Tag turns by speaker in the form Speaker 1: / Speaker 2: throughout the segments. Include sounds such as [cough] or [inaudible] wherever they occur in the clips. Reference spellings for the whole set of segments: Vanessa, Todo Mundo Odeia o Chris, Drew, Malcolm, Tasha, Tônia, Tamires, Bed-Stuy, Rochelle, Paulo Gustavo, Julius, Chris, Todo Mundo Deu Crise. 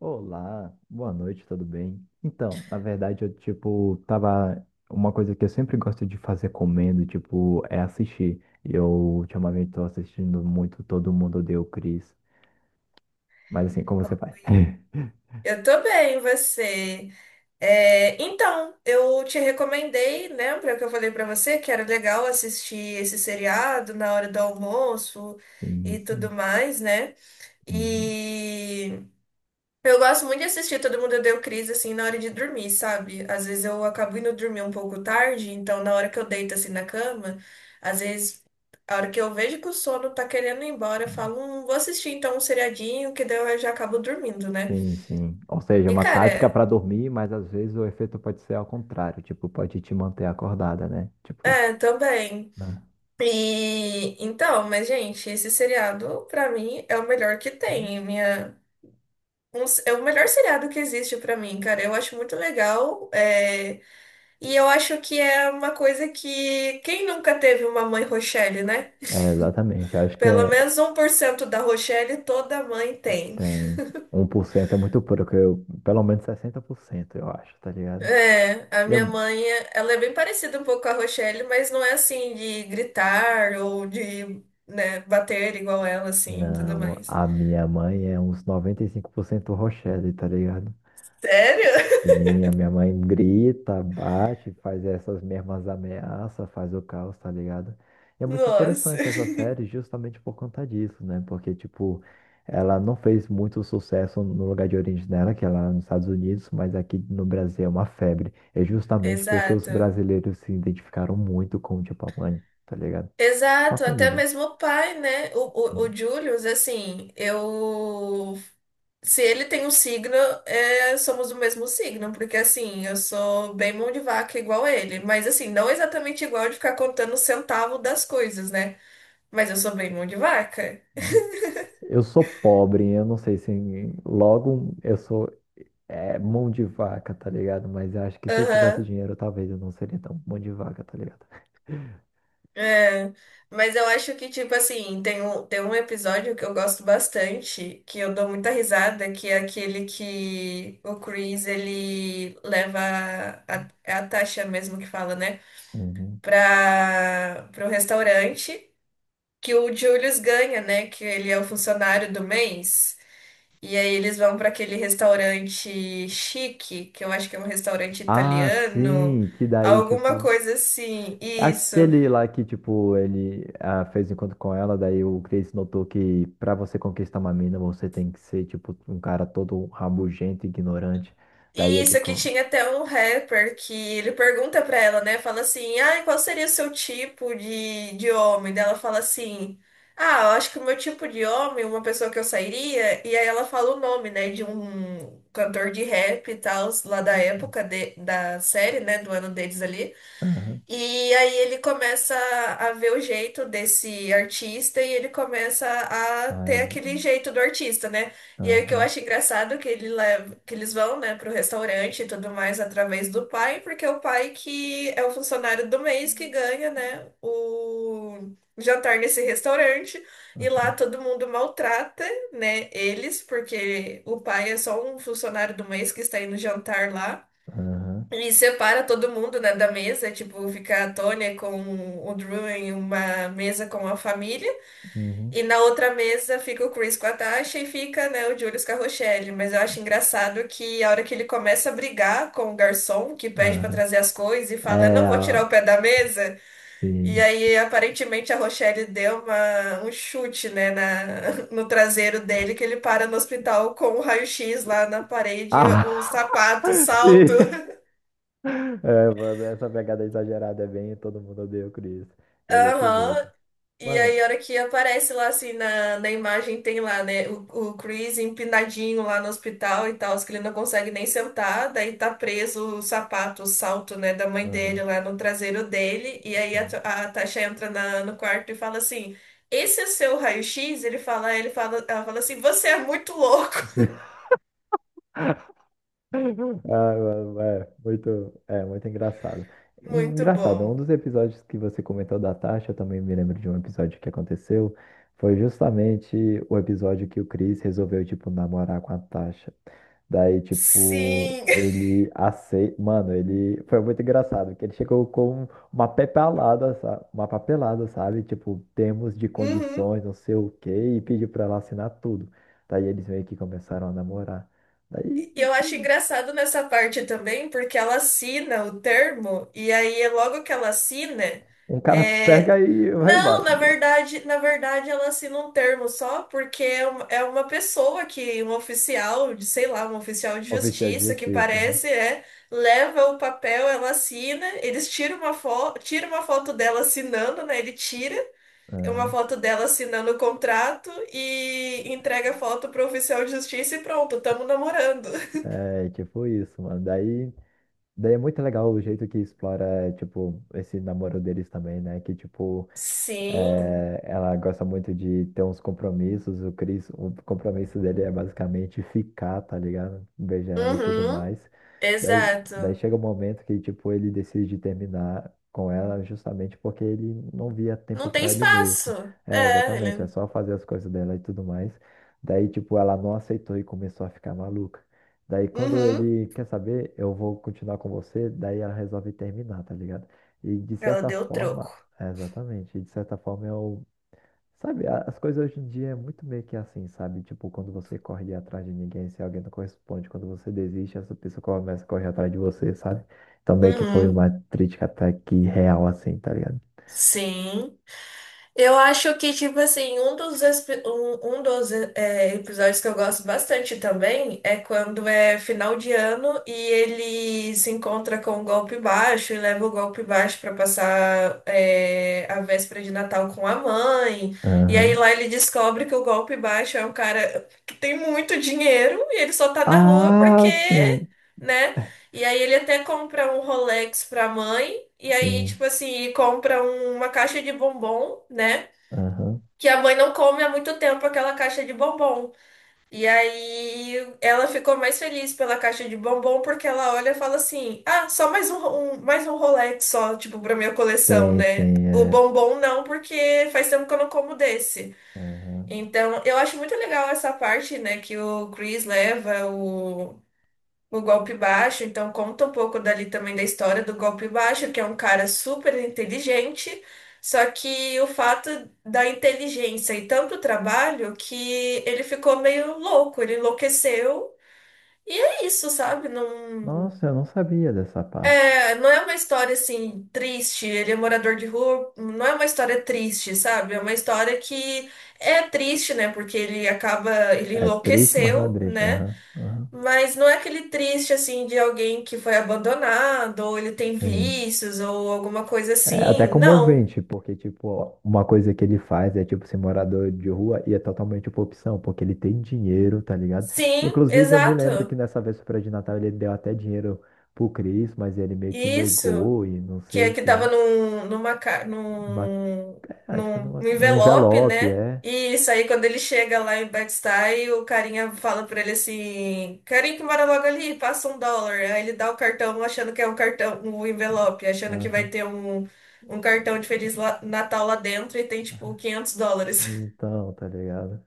Speaker 1: Olá, boa noite, tudo bem? Então, na verdade, eu, tipo, tava. Uma coisa que eu sempre gosto de fazer comendo, tipo, é assistir. Eu ultimamente tô assistindo muito Todo Mundo Odeia o Chris. Mas assim, como você vai? [laughs]
Speaker 2: Eu tô bem, você? É, então, eu te recomendei, lembra que eu falei pra você que era legal assistir esse seriado na hora do almoço
Speaker 1: Sim,
Speaker 2: e tudo
Speaker 1: sim.
Speaker 2: mais, né?
Speaker 1: Uhum.
Speaker 2: E eu gosto muito de assistir Todo Mundo Deu Crise assim na hora de dormir, sabe? Às vezes eu acabo indo dormir um pouco tarde, então na hora que eu deito assim na cama, às vezes a hora que eu vejo que o sono tá querendo ir embora, eu falo, vou assistir então um seriadinho que daí eu já acabo dormindo, né?
Speaker 1: Sim, sim. Ou seja, é
Speaker 2: E,
Speaker 1: uma tática
Speaker 2: cara,
Speaker 1: para dormir, mas às vezes o efeito pode ser ao contrário, tipo, pode te manter acordada, né? Tipo isso,
Speaker 2: é, também.
Speaker 1: né?
Speaker 2: E então, mas gente, esse seriado pra mim é o melhor que tem. É o melhor seriado que existe pra mim, cara. Eu acho muito legal. É, e eu acho que é uma coisa que quem nunca teve uma mãe Rochelle, né?
Speaker 1: É, exatamente. Eu acho que
Speaker 2: Pelo
Speaker 1: é.
Speaker 2: menos 1% da Rochelle toda mãe tem.
Speaker 1: Tem. 1% é muito pouco, eu, pelo menos 60% eu acho, tá ligado?
Speaker 2: É, a
Speaker 1: E a-
Speaker 2: minha mãe, ela é bem parecida um pouco com a Rochelle, mas não é assim de gritar ou de, né, bater igual ela assim, e tudo
Speaker 1: não,
Speaker 2: mais.
Speaker 1: a minha mãe é uns 95% Rochelle, tá ligado?
Speaker 2: Sério?
Speaker 1: Sim, a minha mãe grita, bate, faz essas mesmas ameaças, faz o caos, tá ligado? E é muito
Speaker 2: Nossa.
Speaker 1: interessante essa série justamente por conta disso, né? Porque, tipo, ela não fez muito sucesso no lugar de origem dela, que é lá nos Estados Unidos, mas aqui no Brasil é uma febre. É
Speaker 2: [laughs]
Speaker 1: justamente porque os
Speaker 2: Exato.
Speaker 1: brasileiros se identificaram muito com, tipo, a mãe, tá ligado? Com a
Speaker 2: Exato, até
Speaker 1: família,
Speaker 2: mesmo o pai, né? O Julius, assim, eu. Se ele tem um signo, é, somos do mesmo signo, porque assim, eu sou bem mão de vaca igual ele, mas assim, não exatamente igual de ficar contando o centavo das coisas, né? Mas eu sou bem mão de vaca.
Speaker 1: né? Eu sou pobre, eu não sei se logo eu sou. É mão de vaca, tá ligado? Mas eu acho que se eu tivesse
Speaker 2: Aham.
Speaker 1: dinheiro, talvez eu não seria tão mão de vaca, tá ligado?
Speaker 2: É, mas eu acho que, tipo assim, tem um episódio que eu gosto bastante, que eu dou muita risada, que é aquele que o Chris, ele leva a, é a Tasha mesmo que fala, né,
Speaker 1: Uhum.
Speaker 2: pro restaurante que o Julius ganha, né, que ele é o funcionário do mês. E aí eles vão pra aquele restaurante chique, que eu acho que é um restaurante
Speaker 1: Ah,
Speaker 2: italiano,
Speaker 1: sim, que daí,
Speaker 2: alguma
Speaker 1: tipo.
Speaker 2: coisa assim,
Speaker 1: É
Speaker 2: isso.
Speaker 1: aquele lá que, tipo, ele fez um encontro com ela, daí o Chris notou que pra você conquistar uma mina, você tem que ser, tipo, um cara todo rabugento, ignorante. Daí
Speaker 2: E
Speaker 1: ele.
Speaker 2: isso, aqui
Speaker 1: co-
Speaker 2: tinha até um rapper que ele pergunta pra ela, né? Fala assim, ah, qual seria o seu tipo de homem? Daí ela fala assim, ah, eu acho que o meu tipo de homem, uma pessoa que eu sairia, e aí ela fala o nome, né, de um cantor de rap e tal, lá da época da série, né, do ano deles ali.
Speaker 1: Aham,
Speaker 2: E aí ele começa a ver o jeito desse artista e ele começa a ter
Speaker 1: aham,
Speaker 2: aquele jeito do artista, né? E aí o que eu
Speaker 1: aham,
Speaker 2: acho engraçado é que ele leva, que eles vão, né, pro restaurante e tudo mais através do pai, porque é o pai que é o funcionário do mês que ganha, né, o jantar nesse restaurante e lá
Speaker 1: aham,
Speaker 2: todo mundo maltrata, né, eles, porque o pai é só um funcionário do mês que está indo jantar lá.
Speaker 1: aham,
Speaker 2: E separa todo mundo, né, da mesa, tipo, fica a Tônia com o Drew em uma mesa com a família,
Speaker 1: uhum,
Speaker 2: e na outra mesa fica o Chris com a Tasha e fica, né, o Julius com a Rochelle. Mas eu acho engraçado que a hora que ele começa a brigar com o garçom, que pede pra
Speaker 1: aham.
Speaker 2: trazer as coisas, e fala, eu
Speaker 1: É,
Speaker 2: não vou tirar o
Speaker 1: ah,
Speaker 2: pé da mesa, e
Speaker 1: sim.
Speaker 2: aí aparentemente a Rochelle deu uma, um chute, né, na, [laughs] no traseiro dele, que ele para no hospital com o raio-x lá na parede, o
Speaker 1: Ah,
Speaker 2: sapato, o
Speaker 1: [laughs]
Speaker 2: salto.
Speaker 1: sim. Mano, essa pegada exagerada é bem, e todo mundo odeia o Chris. E é desse
Speaker 2: Aham.
Speaker 1: jeito.
Speaker 2: E
Speaker 1: Mano,
Speaker 2: aí, a hora que aparece lá, assim, na, na imagem, tem lá, né, o Chris empinadinho lá no hospital e tal, que ele não consegue nem sentar, daí tá preso o sapato, o salto, né, da mãe dele
Speaker 1: aham,
Speaker 2: lá no traseiro dele, e aí
Speaker 1: aham.
Speaker 2: a Tasha entra no quarto e fala assim, esse é seu raio-x? Ele fala, ela fala assim, você é muito louco. [laughs]
Speaker 1: [laughs] Ah, mano, é muito engraçado. E
Speaker 2: Muito
Speaker 1: engraçado, um
Speaker 2: bom.
Speaker 1: dos episódios que você comentou da Tasha, eu também me lembro de um episódio que aconteceu, foi justamente o episódio que o Chris resolveu, tipo, namorar com a Tasha. Daí, tipo,
Speaker 2: Sim. [laughs]
Speaker 1: ele aceita. Mano, ele foi muito engraçado, porque ele chegou com uma papelada, sabe? Uma papelada, sabe? Tipo, termos de
Speaker 2: Uhum.
Speaker 1: condições, não sei o quê, e pediu pra ela assinar tudo. Daí eles meio que começaram a namorar. Daí,
Speaker 2: E eu acho engraçado nessa parte também, porque ela assina o termo, e aí logo que ela assina,
Speaker 1: um cara
Speaker 2: é...
Speaker 1: pega e vai
Speaker 2: Não,
Speaker 1: embora.
Speaker 2: na verdade ela assina um termo só porque é uma pessoa que, um oficial de, sei lá, um oficial de
Speaker 1: Oficial de
Speaker 2: justiça que
Speaker 1: justiça.
Speaker 2: parece, é, leva o papel, ela assina, eles tiram uma foto, tira uma foto dela assinando, né? Ele tira
Speaker 1: Aham.
Speaker 2: uma
Speaker 1: Aham.
Speaker 2: foto dela assinando o contrato e entrega a foto pro oficial de justiça e pronto, tamo namorando.
Speaker 1: É, tipo isso, mano. Daí é muito legal o jeito que explora, tipo, esse namoro deles também, né? Que, tipo.
Speaker 2: Sim.
Speaker 1: É, ela gosta muito de ter uns compromissos. O Chris, o compromisso dele é basicamente ficar, tá ligado? Beijar ela e tudo
Speaker 2: Uhum.
Speaker 1: mais. Daí
Speaker 2: Exato.
Speaker 1: chega um momento que, tipo, ele decide terminar com ela justamente porque ele não via tempo
Speaker 2: Não tem
Speaker 1: pra ele
Speaker 2: espaço.
Speaker 1: mesmo. É,
Speaker 2: É,
Speaker 1: exatamente, é
Speaker 2: ele.
Speaker 1: só fazer as coisas dela e tudo mais. Daí, tipo, ela não aceitou e começou a ficar maluca. Daí, quando
Speaker 2: Uhum.
Speaker 1: ele quer saber, eu vou continuar com você, daí ela resolve terminar, tá ligado? E de
Speaker 2: Ela
Speaker 1: certa
Speaker 2: deu o
Speaker 1: forma,
Speaker 2: troco.
Speaker 1: é, exatamente. E de certa forma eu. Sabe, as coisas hoje em dia é muito meio que assim, sabe? Tipo, quando você corre atrás de ninguém, se alguém não corresponde, quando você desiste, essa pessoa começa a correr atrás de você, sabe? Então meio que foi
Speaker 2: Uhum.
Speaker 1: uma crítica até que real, assim, tá ligado?
Speaker 2: Sim. Eu acho que, tipo assim, um dos é, episódios que eu gosto bastante também é quando é final de ano e ele se encontra com o golpe baixo e leva o golpe baixo pra passar é, a véspera de Natal com a mãe. E aí
Speaker 1: Aham.
Speaker 2: lá ele descobre que o golpe baixo é um cara que tem muito dinheiro e ele só tá na rua porque,
Speaker 1: Ah, sim.
Speaker 2: né? E aí ele até compra um Rolex pra mãe. E aí, tipo
Speaker 1: Sim.
Speaker 2: assim, uma caixa de bombom, né?
Speaker 1: Aham.
Speaker 2: Que a mãe não come há muito tempo aquela caixa de bombom. E aí ela ficou mais feliz pela caixa de bombom porque ela olha e fala assim: ah, só mais um, um- mais um Rolex só, tipo, pra minha coleção,
Speaker 1: Sim,
Speaker 2: né?
Speaker 1: sim,
Speaker 2: O
Speaker 1: é.
Speaker 2: bombom não, porque faz tempo que eu não como desse.
Speaker 1: Aham.
Speaker 2: Então, eu acho muito legal essa parte, né, que o Chris leva o Golpe Baixo, então conta um pouco dali também da história do Golpe Baixo, que é um cara super inteligente, só que o fato da inteligência e tanto trabalho que ele ficou meio louco, ele enlouqueceu. E é isso, sabe?
Speaker 1: Nossa, eu não sabia dessa parte.
Speaker 2: Não é uma história assim triste, ele é morador de rua, não é uma história triste, sabe? É uma história que é triste, né? Porque ele acaba, ele
Speaker 1: É triste, mas não é
Speaker 2: enlouqueceu,
Speaker 1: triste.
Speaker 2: né?
Speaker 1: Aham. Aham.
Speaker 2: Mas não é aquele triste assim de alguém que foi abandonado, ou ele tem
Speaker 1: Sim.
Speaker 2: vícios, ou alguma coisa
Speaker 1: É até
Speaker 2: assim. Não.
Speaker 1: comovente, porque, tipo, uma coisa que ele faz é, tipo, ser morador de rua e é totalmente uma opção, porque ele tem dinheiro, tá ligado?
Speaker 2: Sim,
Speaker 1: Inclusive, eu me lembro que
Speaker 2: exato.
Speaker 1: nessa véspera de Natal ele deu até dinheiro pro Chris, mas ele meio que
Speaker 2: Isso.
Speaker 1: negou e não
Speaker 2: Que
Speaker 1: sei o
Speaker 2: é que
Speaker 1: quê.
Speaker 2: tava num, numa, ca-
Speaker 1: Uma-
Speaker 2: num,
Speaker 1: É, acho que
Speaker 2: num,
Speaker 1: numa,
Speaker 2: num
Speaker 1: num
Speaker 2: envelope,
Speaker 1: envelope,
Speaker 2: né?
Speaker 1: é.
Speaker 2: E isso aí, quando ele chega lá em Bed-Stuy, o carinha fala pra ele assim: carinha que mora logo ali, passa um dólar. Aí ele dá o cartão achando que é um cartão, um envelope, achando que vai
Speaker 1: Aham.
Speaker 2: ter um cartão de Feliz Natal lá dentro e tem tipo US$ 500. [laughs]
Speaker 1: Então, tá ligado?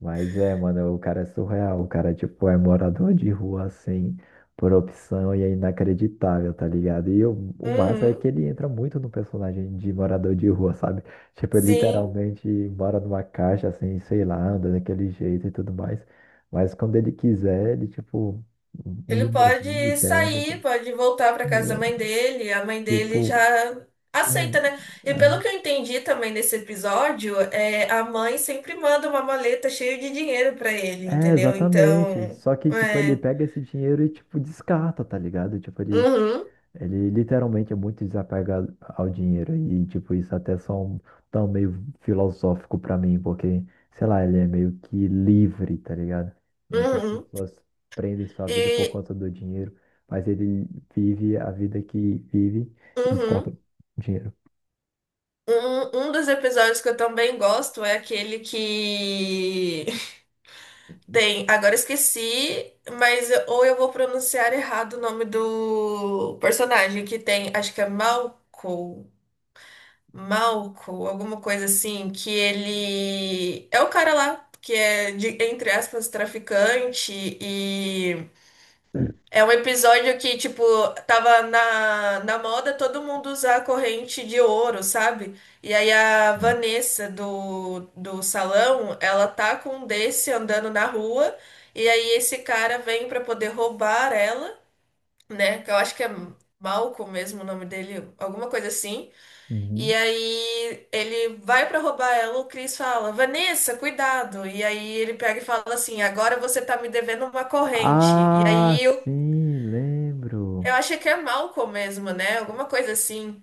Speaker 1: Mas é, mano, o cara é surreal. O cara, tipo, é morador de rua, assim, por opção e é inacreditável, tá ligado? E o massa é
Speaker 2: Uhum,
Speaker 1: que ele entra muito no personagem de morador de rua, sabe? Tipo, ele
Speaker 2: sim.
Speaker 1: literalmente mora numa caixa, assim, sei lá, anda daquele jeito e tudo mais. Mas quando ele quiser, ele, tipo,
Speaker 2: Ele
Speaker 1: limousine,
Speaker 2: pode
Speaker 1: terno.
Speaker 2: sair, pode voltar para casa da
Speaker 1: É,
Speaker 2: mãe
Speaker 1: mano,
Speaker 2: dele, a mãe dele já
Speaker 1: tipo, é,
Speaker 2: aceita, né? E pelo
Speaker 1: aham.
Speaker 2: que eu entendi também nesse episódio, é, a mãe sempre manda uma maleta cheia de dinheiro para ele,
Speaker 1: É,
Speaker 2: entendeu?
Speaker 1: exatamente.
Speaker 2: Então,
Speaker 1: Só que, tipo, ele
Speaker 2: é.
Speaker 1: pega esse dinheiro e, tipo, descarta, tá ligado? Tipo, ele
Speaker 2: Uhum,
Speaker 1: Ele literalmente é muito desapegado ao dinheiro e, tipo, isso até é só um tão meio filosófico pra mim, porque, sei lá, ele é meio que livre, tá ligado? Muitas
Speaker 2: uhum.
Speaker 1: pessoas prendem sua vida por
Speaker 2: E
Speaker 1: conta do dinheiro, mas ele vive a vida que vive e
Speaker 2: uhum.
Speaker 1: descarta dinheiro.
Speaker 2: Um dos episódios que eu também gosto é aquele que [laughs] tem, agora eu esqueci, mas ou eu vou pronunciar errado o nome do personagem que tem, acho que é Malco, Malco, alguma coisa assim, que ele é o cara lá que é de, entre aspas, traficante e é um episódio que, tipo, tava na, na moda todo mundo usar a corrente de ouro, sabe? E aí a
Speaker 1: Ah,
Speaker 2: Vanessa do salão, ela tá com um desse andando na rua, e aí esse cara vem pra poder roubar ela, né? Que eu acho que é Malcolm mesmo o nome dele, alguma coisa assim. E
Speaker 1: uhum.
Speaker 2: aí ele vai pra roubar ela, o Chris fala, Vanessa, cuidado. E aí ele pega e fala assim, agora você tá me devendo uma corrente. E
Speaker 1: Ah,
Speaker 2: aí
Speaker 1: sim,
Speaker 2: eu
Speaker 1: lembro.
Speaker 2: achei que é Malcolm mesmo, né? Alguma coisa assim.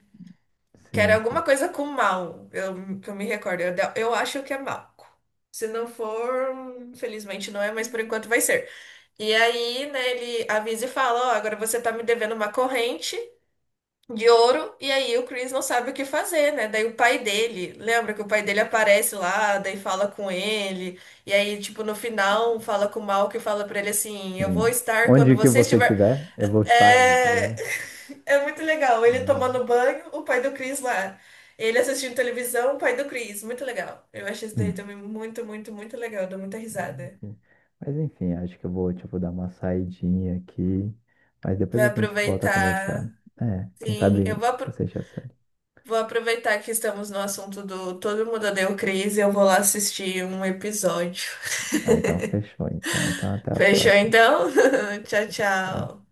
Speaker 2: Que era
Speaker 1: Sim,
Speaker 2: alguma
Speaker 1: sim,
Speaker 2: coisa com mal, eu, que eu me recordo. Eu acho que é Malcolm. Se não for, infelizmente não é, mas por enquanto vai ser. E aí, né, ele avisa e fala: ó, agora você tá me devendo uma corrente de ouro. E aí o Chris não sabe o que fazer, né? Daí o pai dele, lembra que o pai dele aparece lá, daí fala com ele. E aí, tipo, no final, fala com o Malcolm e fala pra ele assim: eu vou
Speaker 1: sim.
Speaker 2: estar quando
Speaker 1: Onde que
Speaker 2: você
Speaker 1: você
Speaker 2: estiver.
Speaker 1: estiver, eu vou estar aí, tá
Speaker 2: É...
Speaker 1: ligado?
Speaker 2: [laughs] é muito legal. Ele tomando banho, o pai do Chris lá. Ele assistindo televisão, o pai do Chris. Muito legal. Eu achei isso daí
Speaker 1: Uhum.
Speaker 2: também muito, muito, muito legal. Dou muita risada.
Speaker 1: Enfim. Mas enfim, acho que eu vou, tipo, dar uma saidinha aqui. Mas depois
Speaker 2: Vai
Speaker 1: a gente volta a
Speaker 2: aproveitar.
Speaker 1: conversar. É, quem
Speaker 2: Sim,
Speaker 1: sabe assiste a série.
Speaker 2: vou aproveitar que estamos no assunto do Todo Mundo Odeia o Chris e eu vou lá assistir um episódio. [laughs]
Speaker 1: Tá, então fechou, então. Então até a
Speaker 2: Fechou
Speaker 1: próxima.
Speaker 2: então? [laughs] Tchau,
Speaker 1: Fechou. Tchau.
Speaker 2: tchau.